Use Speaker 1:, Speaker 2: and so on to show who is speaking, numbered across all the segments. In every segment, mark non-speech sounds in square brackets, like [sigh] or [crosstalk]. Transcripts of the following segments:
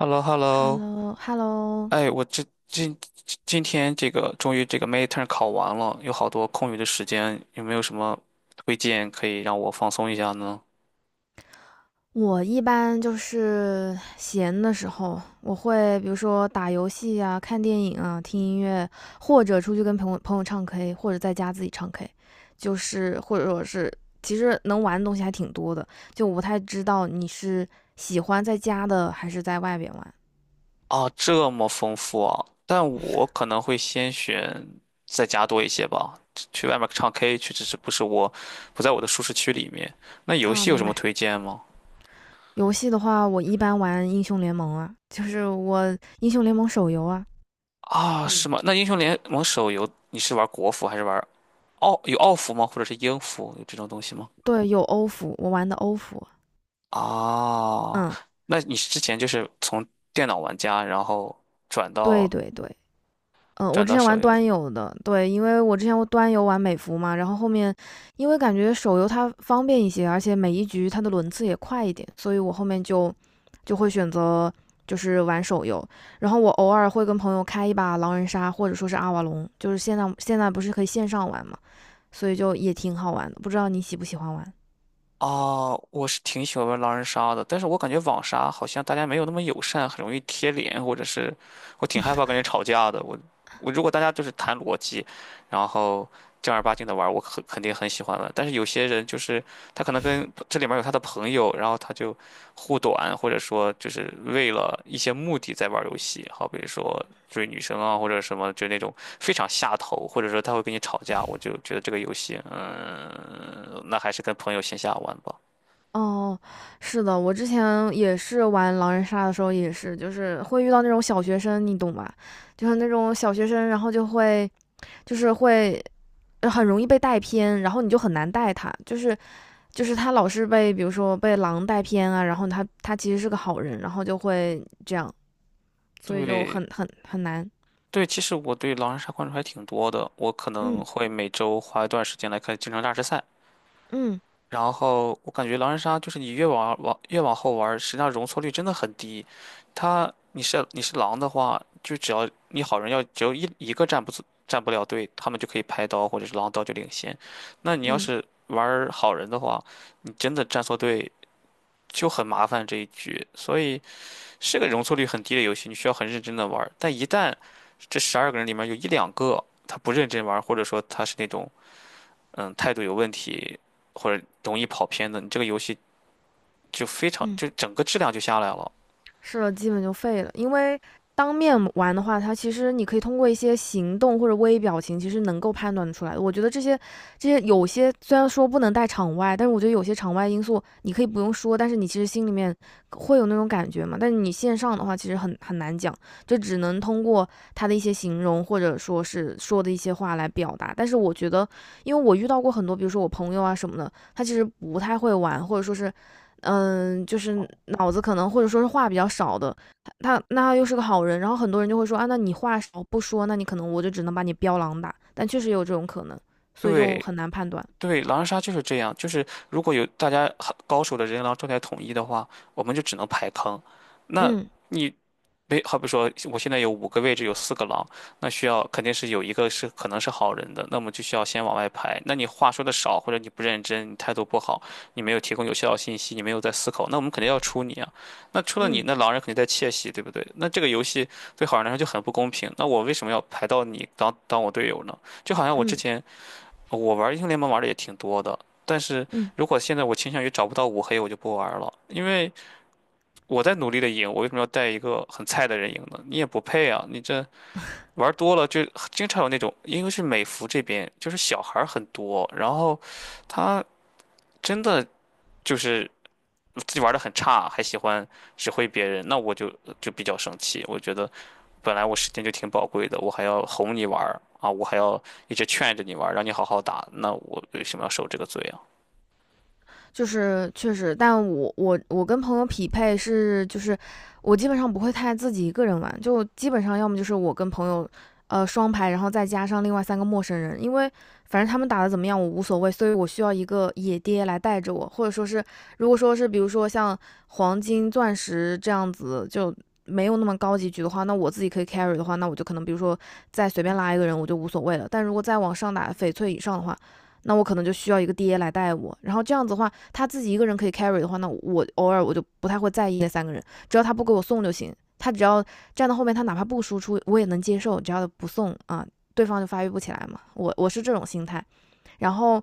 Speaker 1: hello hello
Speaker 2: Hello，Hello，
Speaker 1: 哎，我这今今天这个终于这个 midterm 考完了，有好多空余的时间，有没有什么推荐可以让我放松一下呢？
Speaker 2: 我一般就是闲的时候，我会比如说打游戏啊、看电影啊、听音乐，或者出去跟朋友唱 K，或者在家自己唱 K，就是或者说是其实能玩的东西还挺多的，就我不太知道你是喜欢在家的还是在外边玩
Speaker 1: 啊，这么丰富啊！但我可能会先选在家多一些吧，去外面唱 K 去，只是不是我不在我的舒适区里面。那游
Speaker 2: 啊。
Speaker 1: 戏有什
Speaker 2: 明
Speaker 1: 么
Speaker 2: 白。
Speaker 1: 推荐吗？
Speaker 2: 游戏的话，我一般玩英雄联盟啊，就是我英雄联盟手游啊。
Speaker 1: 啊，是
Speaker 2: 嗯，
Speaker 1: 吗？那英雄联盟手游你是玩国服还是玩奥有奥服吗？或者是英服有这种东西吗？
Speaker 2: 对，有欧服，我玩的欧服。
Speaker 1: 哦，
Speaker 2: 嗯，
Speaker 1: 那你之前就是从电脑玩家，然后转
Speaker 2: 对
Speaker 1: 到
Speaker 2: 对对。嗯，我
Speaker 1: 转
Speaker 2: 之
Speaker 1: 到
Speaker 2: 前
Speaker 1: 手
Speaker 2: 玩
Speaker 1: 游
Speaker 2: 端
Speaker 1: 了？
Speaker 2: 游的，对，因为我之前我端游玩美服嘛，然后后面因为感觉手游它方便一些，而且每一局它的轮次也快一点，所以我后面就会选择就是玩手游，然后我偶尔会跟朋友开一把狼人杀或者说是阿瓦隆，就是现在不是可以线上玩嘛，所以就也挺好玩的，不知道你喜不喜欢玩？
Speaker 1: 哦，我是挺喜欢玩狼人杀的，但是我感觉网杀好像大家没有那么友善，很容易贴脸，或者是我挺害怕
Speaker 2: [laughs]
Speaker 1: 跟人吵架的。我如果大家就是谈逻辑，然后正儿八经的玩，我肯定很喜欢玩。但是有些人就是他可能跟这里面有他的朋友，然后他就护短，或者说就是为了一些目的在玩游戏，好比如说。追女生啊，或者什么，就那种非常下头，或者说他会跟你吵架，我就觉得这个游戏，那还是跟朋友线下玩吧。
Speaker 2: 哦，是的，我之前也是玩狼人杀的时候，也是就是会遇到那种小学生，你懂吧？就是那种小学生，然后就是会很容易被带偏，然后你就很难带他，就是他老是被比如说被狼带偏啊，然后他其实是个好人，然后就会这样，所以就
Speaker 1: 对
Speaker 2: 很难。
Speaker 1: 对，其实我对狼人杀关注还挺多的，我可
Speaker 2: 嗯
Speaker 1: 能会每周花一段时间来看京城大师赛，
Speaker 2: 嗯
Speaker 1: 然后我感觉狼人杀就是你越往越往后玩儿，实际上容错率真的很低。他你是狼的话，就只要你好人要只有一个站不了队，他们就可以拍刀或者是狼刀就领先。那你要
Speaker 2: 嗯
Speaker 1: 是玩儿好人的话，你真的站错队就很麻烦这一局。所以是个容错率很低的游戏，你需要很认真的玩儿。但一旦这十二个人里面有一两个他不认真玩儿，或者说他是那种态度有问题，或者容易跑偏的，你这个游戏。就非常
Speaker 2: 嗯。
Speaker 1: 就整个质量就下来了。
Speaker 2: 是的，基本就废了。因为当面玩的话，它其实你可以通过一些行动或者微表情，其实能够判断出来的。我觉得这些有些虽然说不能带场外，但是我觉得有些场外因素你可以不用说，但是你其实心里面会有那种感觉嘛。但是你线上的话，其实很难讲，就只能通过他的一些形容或者说是说的一些话来表达。但是我觉得，因为我遇到过很多，比如说我朋友啊什么的，他其实不太会玩，或者说是就是脑子可能或者说是话比较少的，那他又是个好人，然后很多人就会说啊，那你话少不说，那你可能我就只能把你标狼打，但确实有这种可能，所以就
Speaker 1: 对
Speaker 2: 很难判断。
Speaker 1: 对，狼人杀就是这样，就是如果有大家很高手的人狼状态统一的话，我们就只能排坑。那
Speaker 2: 嗯
Speaker 1: 你没，好比说，我现在有5个位置，有四个狼，那需要肯定是有一个是可能是好人的，那么就需要先往外排。那你话说的少，或者你不认真，你态度不好，你没有提供有效的信息，你没有在思考，那我们肯定要出你啊。那出了你，
Speaker 2: 嗯
Speaker 1: 那狼人肯定在窃喜，对不对？那这个游戏对好人来说就很不公平。那我为什么要排到你当我队友呢？就好像我之
Speaker 2: 嗯
Speaker 1: 前我玩英雄联盟玩的也挺多的，但是
Speaker 2: 嗯。
Speaker 1: 如果现在我倾向于找不到五黑，我就不玩了，因为。我在努力的赢，我为什么要带一个很菜的人赢呢？你也不配啊！你这玩多了就经常有那种，因为是美服这边就是小孩儿很多，然后他真的就是自己玩的很差，还喜欢指挥别人，那我就就比较生气。我觉得本来我时间就挺宝贵的，我还要哄你玩儿啊，我还要一直劝着你玩儿让你好好打，那我为什么要受这个罪啊？
Speaker 2: 就是确实，但我跟朋友匹配是就是我基本上不会太自己一个人玩，就基本上要么就是我跟朋友。双排，然后再加上另外三个陌生人，因为反正他们打的怎么样我无所谓，所以我需要一个野爹来带着我，或者说是，如果说是比如说像黄金、钻石这样子就没有那么高级局的话，那我自己可以 carry 的话，那我就可能比如说再随便拉一个人我就无所谓了，但如果再往上打翡翠以上的话，那我可能就需要一个爹来带我。然后这样子的话，他自己一个人可以 carry 的话，那我偶尔我就不太会在意那三个人，只要他不给我送就行。他只要站到后面，他哪怕不输出，我也能接受，只要不送啊，对方就发育不起来嘛。我是这种心态。然后，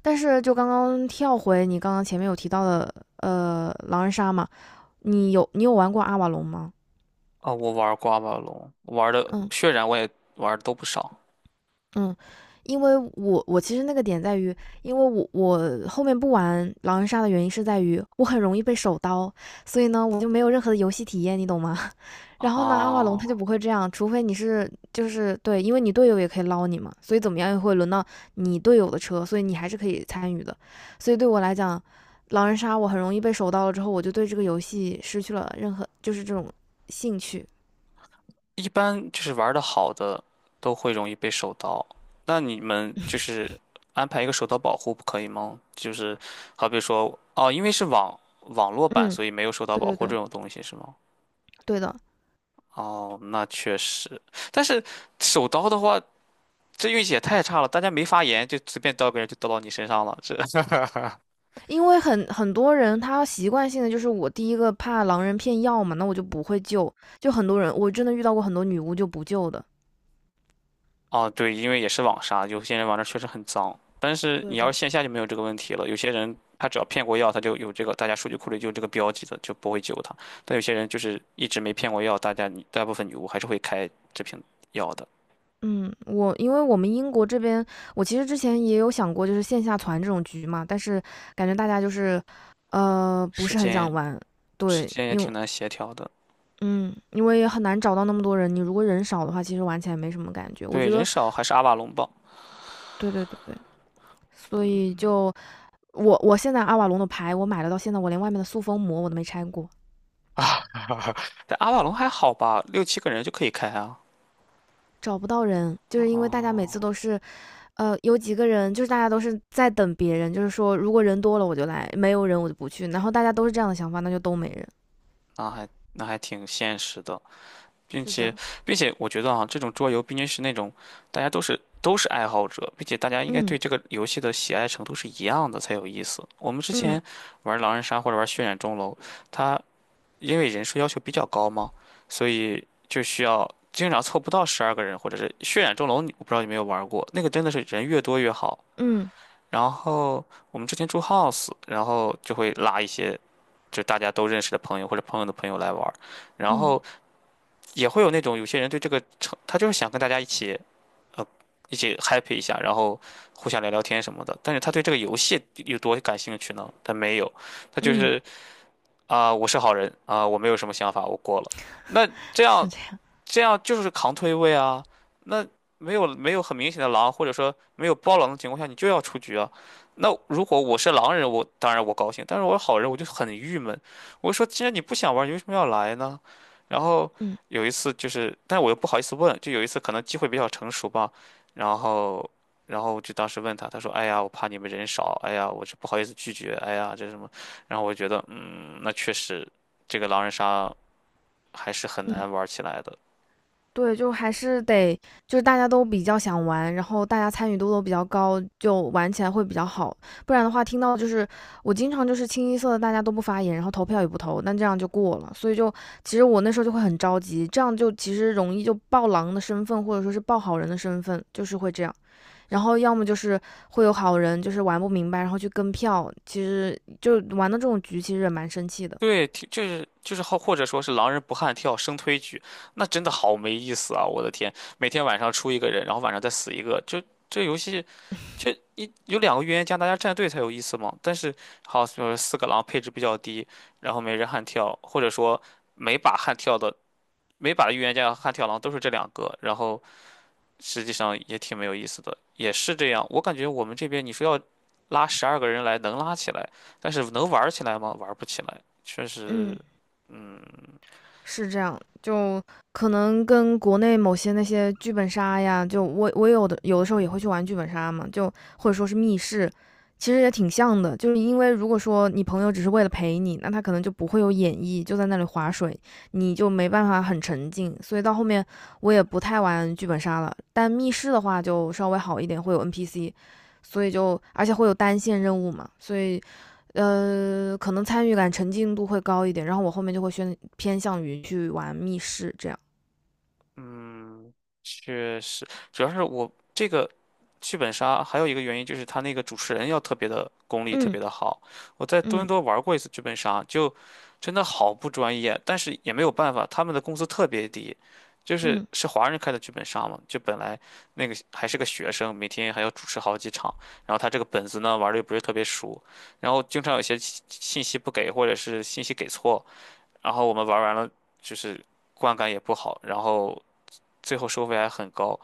Speaker 2: 但是就刚刚跳回你刚刚前面有提到的，狼人杀嘛，你有玩过阿瓦隆吗？
Speaker 1: 啊，我玩儿刮刮龙，玩的
Speaker 2: 嗯，
Speaker 1: 血染我也玩的都不少
Speaker 2: 嗯，因为我其实那个点在于，因为我后面不玩狼人杀的原因是在于我很容易被手刀，所以呢我就没有任何的游戏体验，你懂吗？[laughs] 然后呢阿瓦隆他
Speaker 1: 啊。
Speaker 2: 就不会这样，除非你是就是对，因为你队友也可以捞你嘛，所以怎么样也会轮到你队友的车，所以你还是可以参与的。所以对我来讲，狼人杀我很容易被手刀了之后，我就对这个游戏失去了任何就是这种兴趣。
Speaker 1: 一般就是玩的好的都会容易被手刀，那你们就
Speaker 2: [laughs]
Speaker 1: 是安排一个手刀保护不可以吗？就是好比说，哦，因为是网络版，
Speaker 2: 嗯，
Speaker 1: 所以没有手刀
Speaker 2: 对
Speaker 1: 保
Speaker 2: 对
Speaker 1: 护
Speaker 2: 对，
Speaker 1: 这种东西是吗？
Speaker 2: 对的。
Speaker 1: 哦，那确实，但是手刀的话，这运气也太差了，大家没发言就随便刀个人就刀到你身上了，这
Speaker 2: 因为很多人他习惯性的就是我第一个怕狼人骗药嘛，那我就不会救。就很多人，我真的遇到过很多女巫就不救的。
Speaker 1: 哦，对，因为也是网杀，有些人玩的确实很脏，但是
Speaker 2: 对
Speaker 1: 你要
Speaker 2: 的，
Speaker 1: 是线下就没有这个问题了。有些人他只要骗过药，他就有这个，大家数据库里就有这个标记的，就不会救他。但有些人就是一直没骗过药，大家大部分女巫还是会开这瓶药的。
Speaker 2: 嗯，我因为我们英国这边，我其实之前也有想过就是线下团这种局嘛，但是感觉大家就是不
Speaker 1: 时
Speaker 2: 是很想
Speaker 1: 间
Speaker 2: 玩。
Speaker 1: 时
Speaker 2: 对，
Speaker 1: 间也
Speaker 2: 因为
Speaker 1: 挺难协调的，
Speaker 2: 嗯，因为也很难找到那么多人，你如果人少的话，其实玩起来没什么感觉。我
Speaker 1: 对，
Speaker 2: 觉
Speaker 1: 人
Speaker 2: 得
Speaker 1: 少还是阿瓦隆吧，
Speaker 2: 对对对对，所以就我现在阿瓦隆的牌我买了到现在，我连外面的塑封膜我都没拆过。
Speaker 1: 但阿瓦隆还好吧，六七个人就可以开啊，
Speaker 2: 找不到人，就是因为大家每次都是，有几个人，就是大家都是在等别人，就是说如果人多了我就来，没有人我就不去，然后大家都是这样的想法，那就都没人。
Speaker 1: 那还挺现实的。并
Speaker 2: 是
Speaker 1: 且，
Speaker 2: 的，
Speaker 1: 并且我觉得啊，这种桌游毕竟是那种大家都是爱好者，并且大家应该
Speaker 2: 嗯
Speaker 1: 对这个游戏的喜爱程度是一样的才有意思。我们之
Speaker 2: 嗯
Speaker 1: 前玩狼人杀或者玩血染钟楼，它因为人数要求比较高嘛，所以就需要经常凑不到十二个人，或者是血染钟楼，你我不知道有没有玩过，那个真的是人越多越好。
Speaker 2: 嗯
Speaker 1: 然后我们之前住 house，然后就会拉一些就大家都认识的朋友或者朋友的朋友来玩儿然
Speaker 2: 嗯
Speaker 1: 后。也会有那种有些人对这个成，他就是想跟大家一起呃一起 happy 一下，然后互相聊聊天什么的。但是他对这个游戏有多感兴趣呢？他没有，他就
Speaker 2: 嗯，
Speaker 1: 是啊、我是好人啊、我没有什么想法，我过了。那这
Speaker 2: 是
Speaker 1: 样
Speaker 2: 这样，
Speaker 1: 这样就是扛推位啊。那没有很明显的狼，或者说没有包狼的情况下，你就要出局啊。那如果我是狼人，我当然我高兴，但是我是好人，我就很郁闷。我就说，既然你不想玩，你为什么要来呢？然后
Speaker 2: 嗯
Speaker 1: 有一次就是，但我又不好意思问，就有一次可能机会比较成熟吧，然后。然后就当时问他，他说：“哎呀，我怕你们人少，哎呀，我这不好意思拒绝，哎呀，这什么？”然后我觉得，嗯，那确实，这个狼人杀还是很
Speaker 2: 嗯。
Speaker 1: 难玩起来的。
Speaker 2: 对，就还是得，就是大家都比较想玩，然后大家参与度都比较高，就玩起来会比较好。不然的话，听到就是我经常就是清一色的大家都不发言，然后投票也不投，那这样就过了。所以就其实我那时候就会很着急，这样就其实容易就爆狼的身份，或者说是爆好人的身份，就是会这样。然后要么就是会有好人就是玩不明白，然后去跟票，其实就玩到这种局，其实也蛮生气的。
Speaker 1: 对，挺就是好，或者说是狼人不汉跳生推局，那真的好没意思啊！我的天，每天晚上出一个人，然后晚上再死一个，就这游戏，就一有两个预言家，大家站队才有意思嘛。但是好，就是四个狼配置比较低，然后没人悍跳，或者说每把悍跳的每把的预言家和悍跳狼都是这两个，然后实际上也挺没有意思的，也是这样。我感觉我们这边你说要拉十二个人来能拉起来，但是能玩儿起来吗？玩儿不起来，确实，
Speaker 2: 嗯。
Speaker 1: 嗯，
Speaker 2: 是这样，就可能跟国内某些那些剧本杀呀，就我有的时候也会去玩剧本杀嘛，就或者说是密室，其实也挺像的。就是因为如果说你朋友只是为了陪你，那他可能就不会有演绎，就在那里划水，你就没办法很沉浸。所以到后面我也不太玩剧本杀了，但密室的话就稍微好一点，会有 NPC，所以就而且会有单线任务嘛，所以可能参与感、沉浸度会高一点，然后我后面就会偏向于去玩密室这样。
Speaker 1: 嗯，确实，主要是我这个剧本杀还有一个原因就是他那个主持人要特别的功力特
Speaker 2: 嗯
Speaker 1: 别的好。我在多伦
Speaker 2: 嗯
Speaker 1: 多玩过一次剧本杀，就真的好不专业，但是也没有办法，他们的工资特别低，
Speaker 2: 嗯，
Speaker 1: 是华人开的剧本杀嘛，就本来那个还是个学生，每天还要主持好几场，然后他这个本子呢玩的又不是特别熟，然后经常有些信息不给或者是信息给错，然后我们玩完了就是观感也不好，然后。最后收费还很高。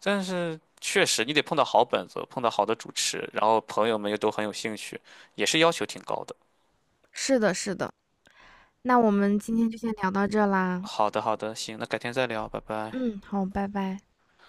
Speaker 1: 但是确实你得碰到好本子，碰到好的主持，然后朋友们又都很有兴趣，也是要求挺高的。
Speaker 2: 是的，是的。那我们今天就先聊到这啦。
Speaker 1: 好的，好的，行，那改天再聊，拜拜。
Speaker 2: 嗯，好，拜拜。